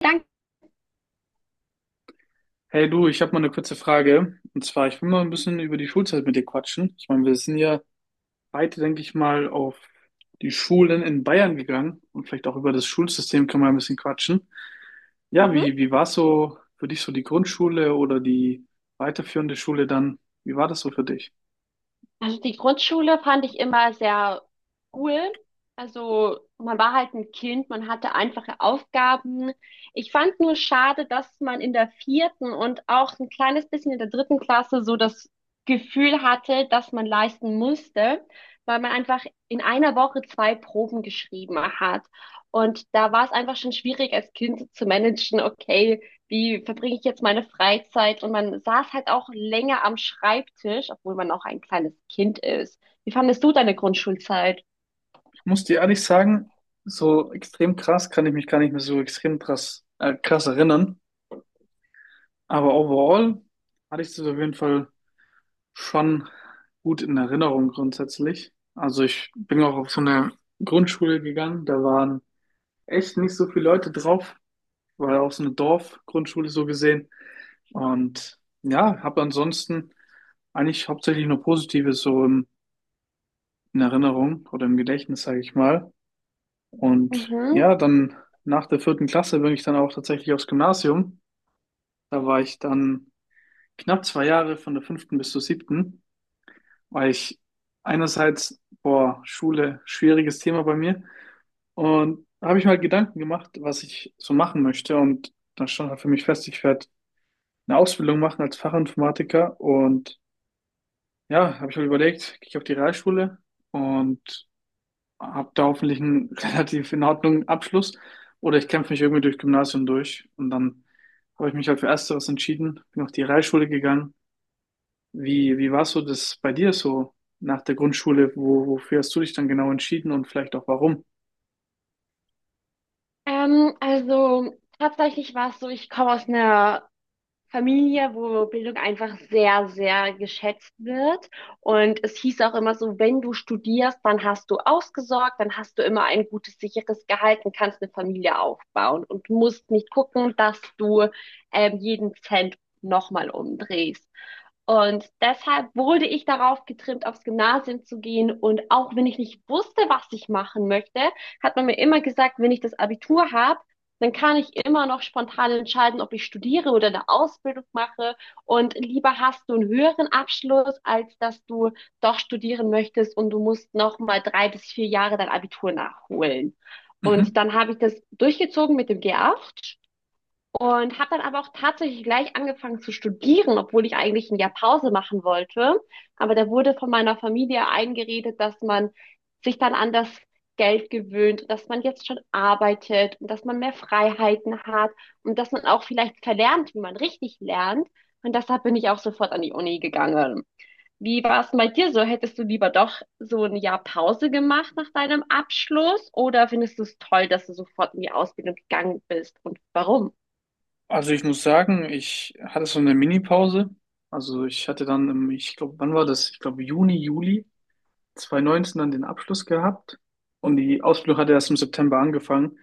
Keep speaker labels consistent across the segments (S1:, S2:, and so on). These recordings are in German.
S1: Danke.
S2: Hey du, ich habe mal eine kurze Frage. Und zwar, ich will mal ein bisschen über die Schulzeit mit dir quatschen. Ich meine, wir sind ja beide, denke ich mal, auf die Schulen in Bayern gegangen, und vielleicht auch über das Schulsystem können wir ein bisschen quatschen. Ja, wie,
S1: Mhm.
S2: wie war so für dich so die Grundschule oder die weiterführende Schule dann? Wie war das so für dich?
S1: Also die Grundschule fand ich immer sehr cool. Also man war halt ein Kind, man hatte einfache Aufgaben. Ich fand nur schade, dass man in der vierten und auch ein kleines bisschen in der dritten Klasse so das Gefühl hatte, dass man leisten musste, weil man einfach in einer Woche zwei Proben geschrieben hat. Und da war es einfach schon schwierig als Kind zu managen, okay, wie verbringe ich jetzt meine Freizeit? Und man saß halt auch länger am Schreibtisch, obwohl man auch ein kleines Kind ist. Wie fandest du deine Grundschulzeit?
S2: Ich muss dir ehrlich sagen, so extrem krass kann ich mich gar nicht mehr so extrem krass erinnern. Aber overall hatte ich das auf jeden Fall schon gut in Erinnerung grundsätzlich. Also ich bin auch auf so eine Grundschule gegangen, da waren echt nicht so viele Leute drauf, weil auch so eine Dorfgrundschule so gesehen. Und ja, habe ansonsten eigentlich hauptsächlich nur Positives in Erinnerung oder im Gedächtnis, sage ich mal. Und
S1: Mhm.
S2: ja, dann nach der vierten Klasse bin ich dann auch tatsächlich aufs Gymnasium. Da war ich dann knapp zwei Jahre von der fünften bis zur siebten, weil ich einerseits, boah, Schule, schwieriges Thema bei mir. Und da habe ich mir halt Gedanken gemacht, was ich so machen möchte. Und dann stand halt für mich fest, ich werde eine Ausbildung machen als Fachinformatiker. Und ja, habe ich mir überlegt, gehe ich auf die Realschule und habe da hoffentlich einen relativ in Ordnung Abschluss. Oder ich kämpfe mich irgendwie durch Gymnasium durch. Und dann habe ich mich halt für Ersteres entschieden, bin auf die Realschule gegangen. Wie war so das bei dir so nach der Grundschule? Wofür hast du dich dann genau entschieden und vielleicht auch warum?
S1: Also tatsächlich war es so, ich komme aus einer Familie, wo Bildung einfach sehr, sehr geschätzt wird. Und es hieß auch immer so, wenn du studierst, dann hast du ausgesorgt, dann hast du immer ein gutes, sicheres Gehalt und kannst eine Familie aufbauen und musst nicht gucken, dass du jeden Cent nochmal umdrehst. Und deshalb wurde ich darauf getrimmt, aufs Gymnasium zu gehen. Und auch wenn ich nicht wusste, was ich machen möchte, hat man mir immer gesagt, wenn ich das Abitur habe, dann kann ich immer noch spontan entscheiden, ob ich studiere oder eine Ausbildung mache. Und lieber hast du einen höheren Abschluss, als dass du doch studieren möchtest und du musst noch mal drei bis vier Jahre dein Abitur nachholen. Und
S2: Mhm.
S1: dann habe ich das durchgezogen mit dem G8 und habe dann aber auch tatsächlich gleich angefangen zu studieren, obwohl ich eigentlich ein Jahr Pause machen wollte. Aber da wurde von meiner Familie eingeredet, dass man sich dann an das Geld gewöhnt, dass man jetzt schon arbeitet und dass man mehr Freiheiten hat und dass man auch vielleicht verlernt, wie man richtig lernt. Und deshalb bin ich auch sofort an die Uni gegangen. Wie war es denn bei dir so? Hättest du lieber doch so ein Jahr Pause gemacht nach deinem Abschluss oder findest du es toll, dass du sofort in die Ausbildung gegangen bist und warum?
S2: Also ich muss sagen, ich hatte so eine Mini-Pause. Also ich hatte dann, ich glaube, wann war das? Ich glaube Juni, Juli 2019 dann den Abschluss gehabt. Und die Ausbildung hatte erst im September angefangen.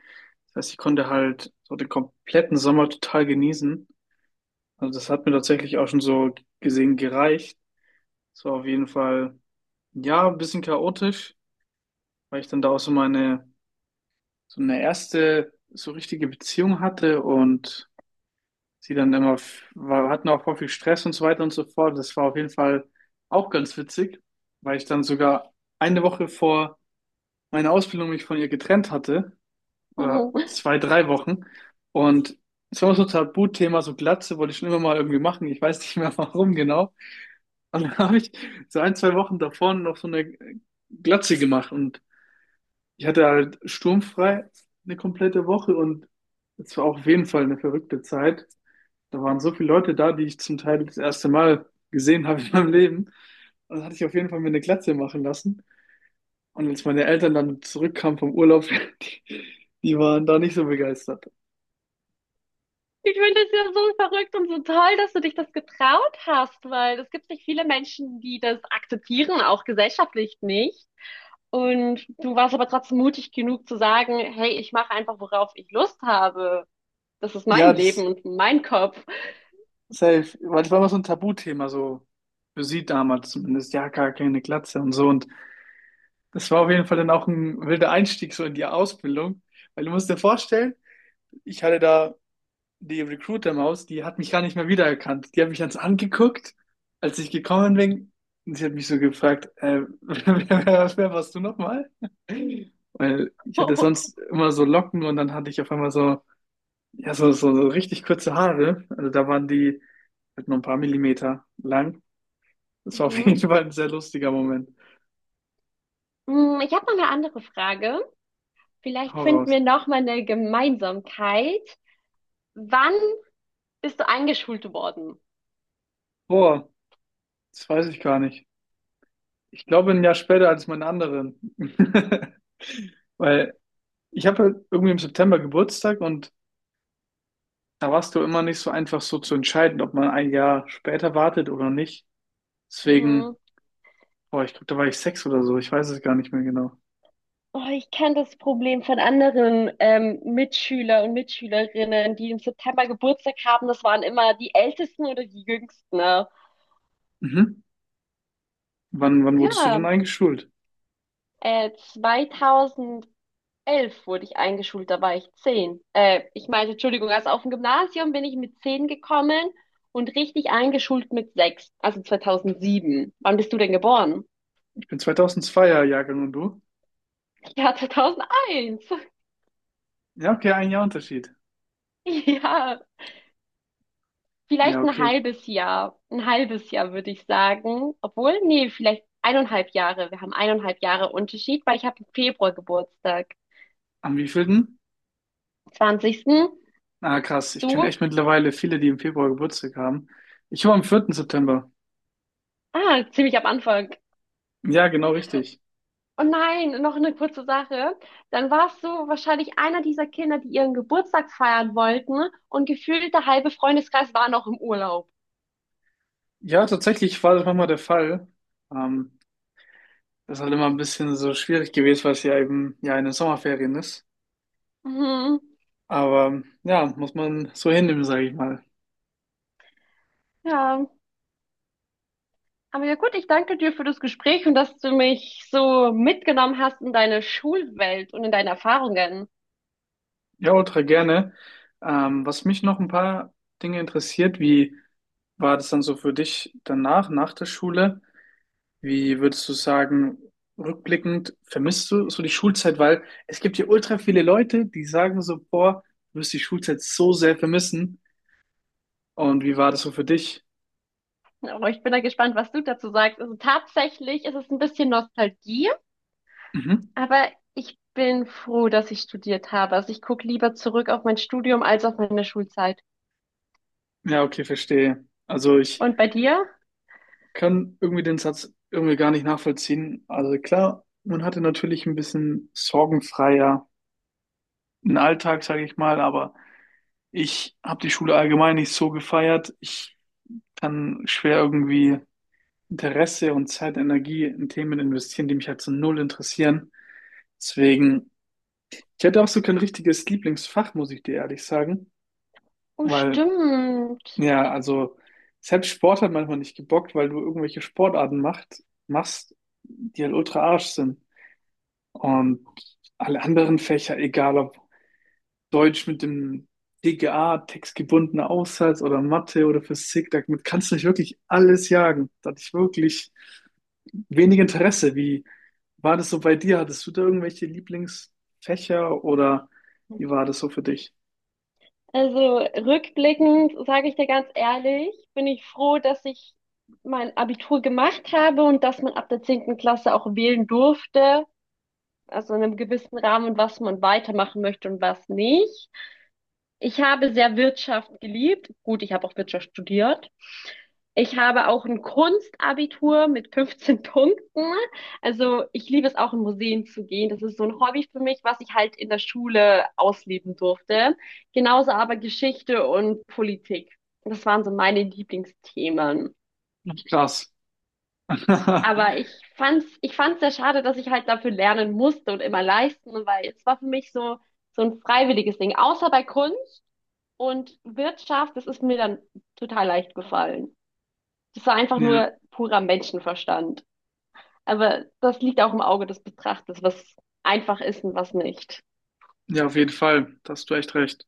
S2: Das heißt, ich konnte halt so den kompletten Sommer total genießen. Also das hat mir tatsächlich auch schon so gesehen gereicht. Es war auf jeden Fall, ja, ein bisschen chaotisch, weil ich dann da auch so eine erste so richtige Beziehung hatte und sie dann immer, hatten auch voll viel Stress und so weiter und so fort. Das war auf jeden Fall auch ganz witzig, weil ich dann sogar eine Woche vor meiner Ausbildung mich von ihr getrennt hatte, oder
S1: Oh,
S2: zwei, drei Wochen. Und es war so ein Tabuthema, so Glatze wollte ich schon immer mal irgendwie machen. Ich weiß nicht mehr warum genau. Und dann habe ich so ein, zwei Wochen davor noch so eine Glatze gemacht, und ich hatte halt sturmfrei eine komplette Woche, und es war auf jeden Fall eine verrückte Zeit. Da waren so viele Leute da, die ich zum Teil das erste Mal gesehen habe in meinem Leben. Also hatte ich auf jeden Fall mir eine Glatze machen lassen. Und als meine Eltern dann zurückkamen vom Urlaub, die, die waren da nicht so begeistert.
S1: ich finde es ja so verrückt und so toll, dass du dich das getraut hast, weil es gibt nicht viele Menschen, die das akzeptieren, auch gesellschaftlich nicht. Und du warst aber trotzdem mutig genug zu sagen, hey, ich mache einfach, worauf ich Lust habe. Das ist mein
S2: Ja, das
S1: Leben und mein Kopf.
S2: safe, weil das war immer so ein Tabuthema, so für sie damals zumindest. Ja, gar keine Glatze und so. Und das war auf jeden Fall dann auch ein wilder Einstieg so in die Ausbildung. Weil du musst dir vorstellen, ich hatte da die Recruiter-Maus, die hat mich gar nicht mehr wiedererkannt. Die hat mich ganz angeguckt, als ich gekommen bin. Und sie hat mich so gefragt, wer warst du nochmal? Weil ich hatte sonst immer so Locken, und dann hatte ich auf einmal so, ja, so richtig kurze Haare. Also da waren die halt nur ein paar Millimeter lang. Das war auf jeden
S1: Mhm.
S2: Fall ein sehr lustiger Moment.
S1: Hm, ich habe noch eine andere Frage. Vielleicht
S2: Hau
S1: finden
S2: raus.
S1: wir noch mal eine Gemeinsamkeit. Wann bist du eingeschult worden?
S2: Boah, das weiß ich gar nicht. Ich glaube ein Jahr später als meine anderen. Weil ich habe halt irgendwie im September Geburtstag, und da warst du immer nicht so einfach so zu entscheiden, ob man ein Jahr später wartet oder nicht.
S1: Mhm.
S2: Deswegen, boah, ich glaube, da war ich sechs oder so. Ich weiß es gar nicht mehr genau.
S1: Oh, ich kenne das Problem von anderen Mitschüler und Mitschülerinnen, die im September Geburtstag haben. Das waren immer die Ältesten oder die Jüngsten, ne?
S2: Mhm. Wann wurdest du
S1: Ja,
S2: denn eingeschult?
S1: 2011 wurde ich eingeschult, da war ich 10. Ich meinte, Entschuldigung, also auf dem Gymnasium bin ich mit 10 gekommen und richtig eingeschult mit 6, also 2007. Wann bist du denn geboren?
S2: Ich bin 2002er Jahrgang, und du?
S1: Ja, 2001.
S2: Ja, okay, ein Jahr Unterschied.
S1: Ja.
S2: Ja,
S1: Vielleicht ein
S2: okay.
S1: halbes Jahr. Ein halbes Jahr würde ich sagen. Obwohl, nee, vielleicht eineinhalb Jahre. Wir haben eineinhalb Jahre Unterschied, weil ich habe im Februar Geburtstag.
S2: Am wievielten?
S1: 20.
S2: Ah, krass. Ich kenne
S1: Du?
S2: echt mittlerweile viele, die im Februar Geburtstag haben. Ich war am vierten September.
S1: Ah, ziemlich am Anfang.
S2: Ja, genau richtig.
S1: Oh nein, noch eine kurze Sache. Dann warst du wahrscheinlich einer dieser Kinder, die ihren Geburtstag feiern wollten und gefühlt der halbe Freundeskreis war noch im Urlaub.
S2: Ja, tatsächlich war das manchmal der Fall. Ähm, das ist halt immer ein bisschen so schwierig gewesen, weil es ja eben ja in den Sommerferien ist.
S1: Mhm.
S2: Aber ja, muss man so hinnehmen, sage ich mal.
S1: Ja. Aber ja gut, ich danke dir für das Gespräch und dass du mich so mitgenommen hast in deine Schulwelt und in deine Erfahrungen.
S2: Ja, ultra gerne. Was mich noch ein paar Dinge interessiert, wie war das dann so für dich danach, nach der Schule? Wie würdest du sagen, rückblickend, vermisst du so die Schulzeit? Weil es gibt hier ultra viele Leute, die sagen so, boah, du wirst die Schulzeit so sehr vermissen. Und wie war das so für dich?
S1: Aber ich bin da gespannt, was du dazu sagst. Also tatsächlich ist es ein bisschen Nostalgie,
S2: Mhm.
S1: aber ich bin froh, dass ich studiert habe. Also ich gucke lieber zurück auf mein Studium als auf meine Schulzeit.
S2: Ja, okay, verstehe. Also ich
S1: Und bei dir?
S2: kann irgendwie den Satz irgendwie gar nicht nachvollziehen. Also klar, man hatte natürlich ein bisschen sorgenfreier einen Alltag, sage ich mal, aber ich habe die Schule allgemein nicht so gefeiert. Ich kann schwer irgendwie Interesse und Zeit, Energie in Themen investieren, die mich halt so null interessieren. Deswegen, ich hätte auch so kein richtiges Lieblingsfach, muss ich dir ehrlich sagen,
S1: Oh,
S2: weil
S1: stimmt.
S2: ja, also selbst Sport hat manchmal nicht gebockt, weil du irgendwelche machst, die halt ultra Arsch sind. Und alle anderen Fächer, egal ob Deutsch mit dem DGA, textgebundener Aufsatz, oder Mathe oder Physik, damit kannst du nicht wirklich alles jagen. Da hatte ich wirklich wenig Interesse. Wie war das so bei dir? Hattest du da irgendwelche Lieblingsfächer oder wie war das so für dich?
S1: Also rückblickend sage ich dir ganz ehrlich, bin ich froh, dass ich mein Abitur gemacht habe und dass man ab der zehnten Klasse auch wählen durfte, also in einem gewissen Rahmen, was man weitermachen möchte und was nicht. Ich habe sehr Wirtschaft geliebt. Gut, ich habe auch Wirtschaft studiert. Ich habe auch ein Kunstabitur mit 15 Punkten. Also ich liebe es auch in Museen zu gehen. Das ist so ein Hobby für mich, was ich halt in der Schule ausleben durfte. Genauso aber Geschichte und Politik. Das waren so meine Lieblingsthemen.
S2: Ach, krass.
S1: Aber ich fand's sehr schade, dass ich halt dafür lernen musste und immer leisten, weil es war für mich so, so ein freiwilliges Ding. Außer bei Kunst, und Wirtschaft, das ist mir dann total leicht gefallen. Das war einfach
S2: Ja,
S1: nur purer Menschenverstand. Aber das liegt auch im Auge des Betrachters, was einfach ist und was nicht.
S2: ja, auf jeden Fall. Da hast du echt recht.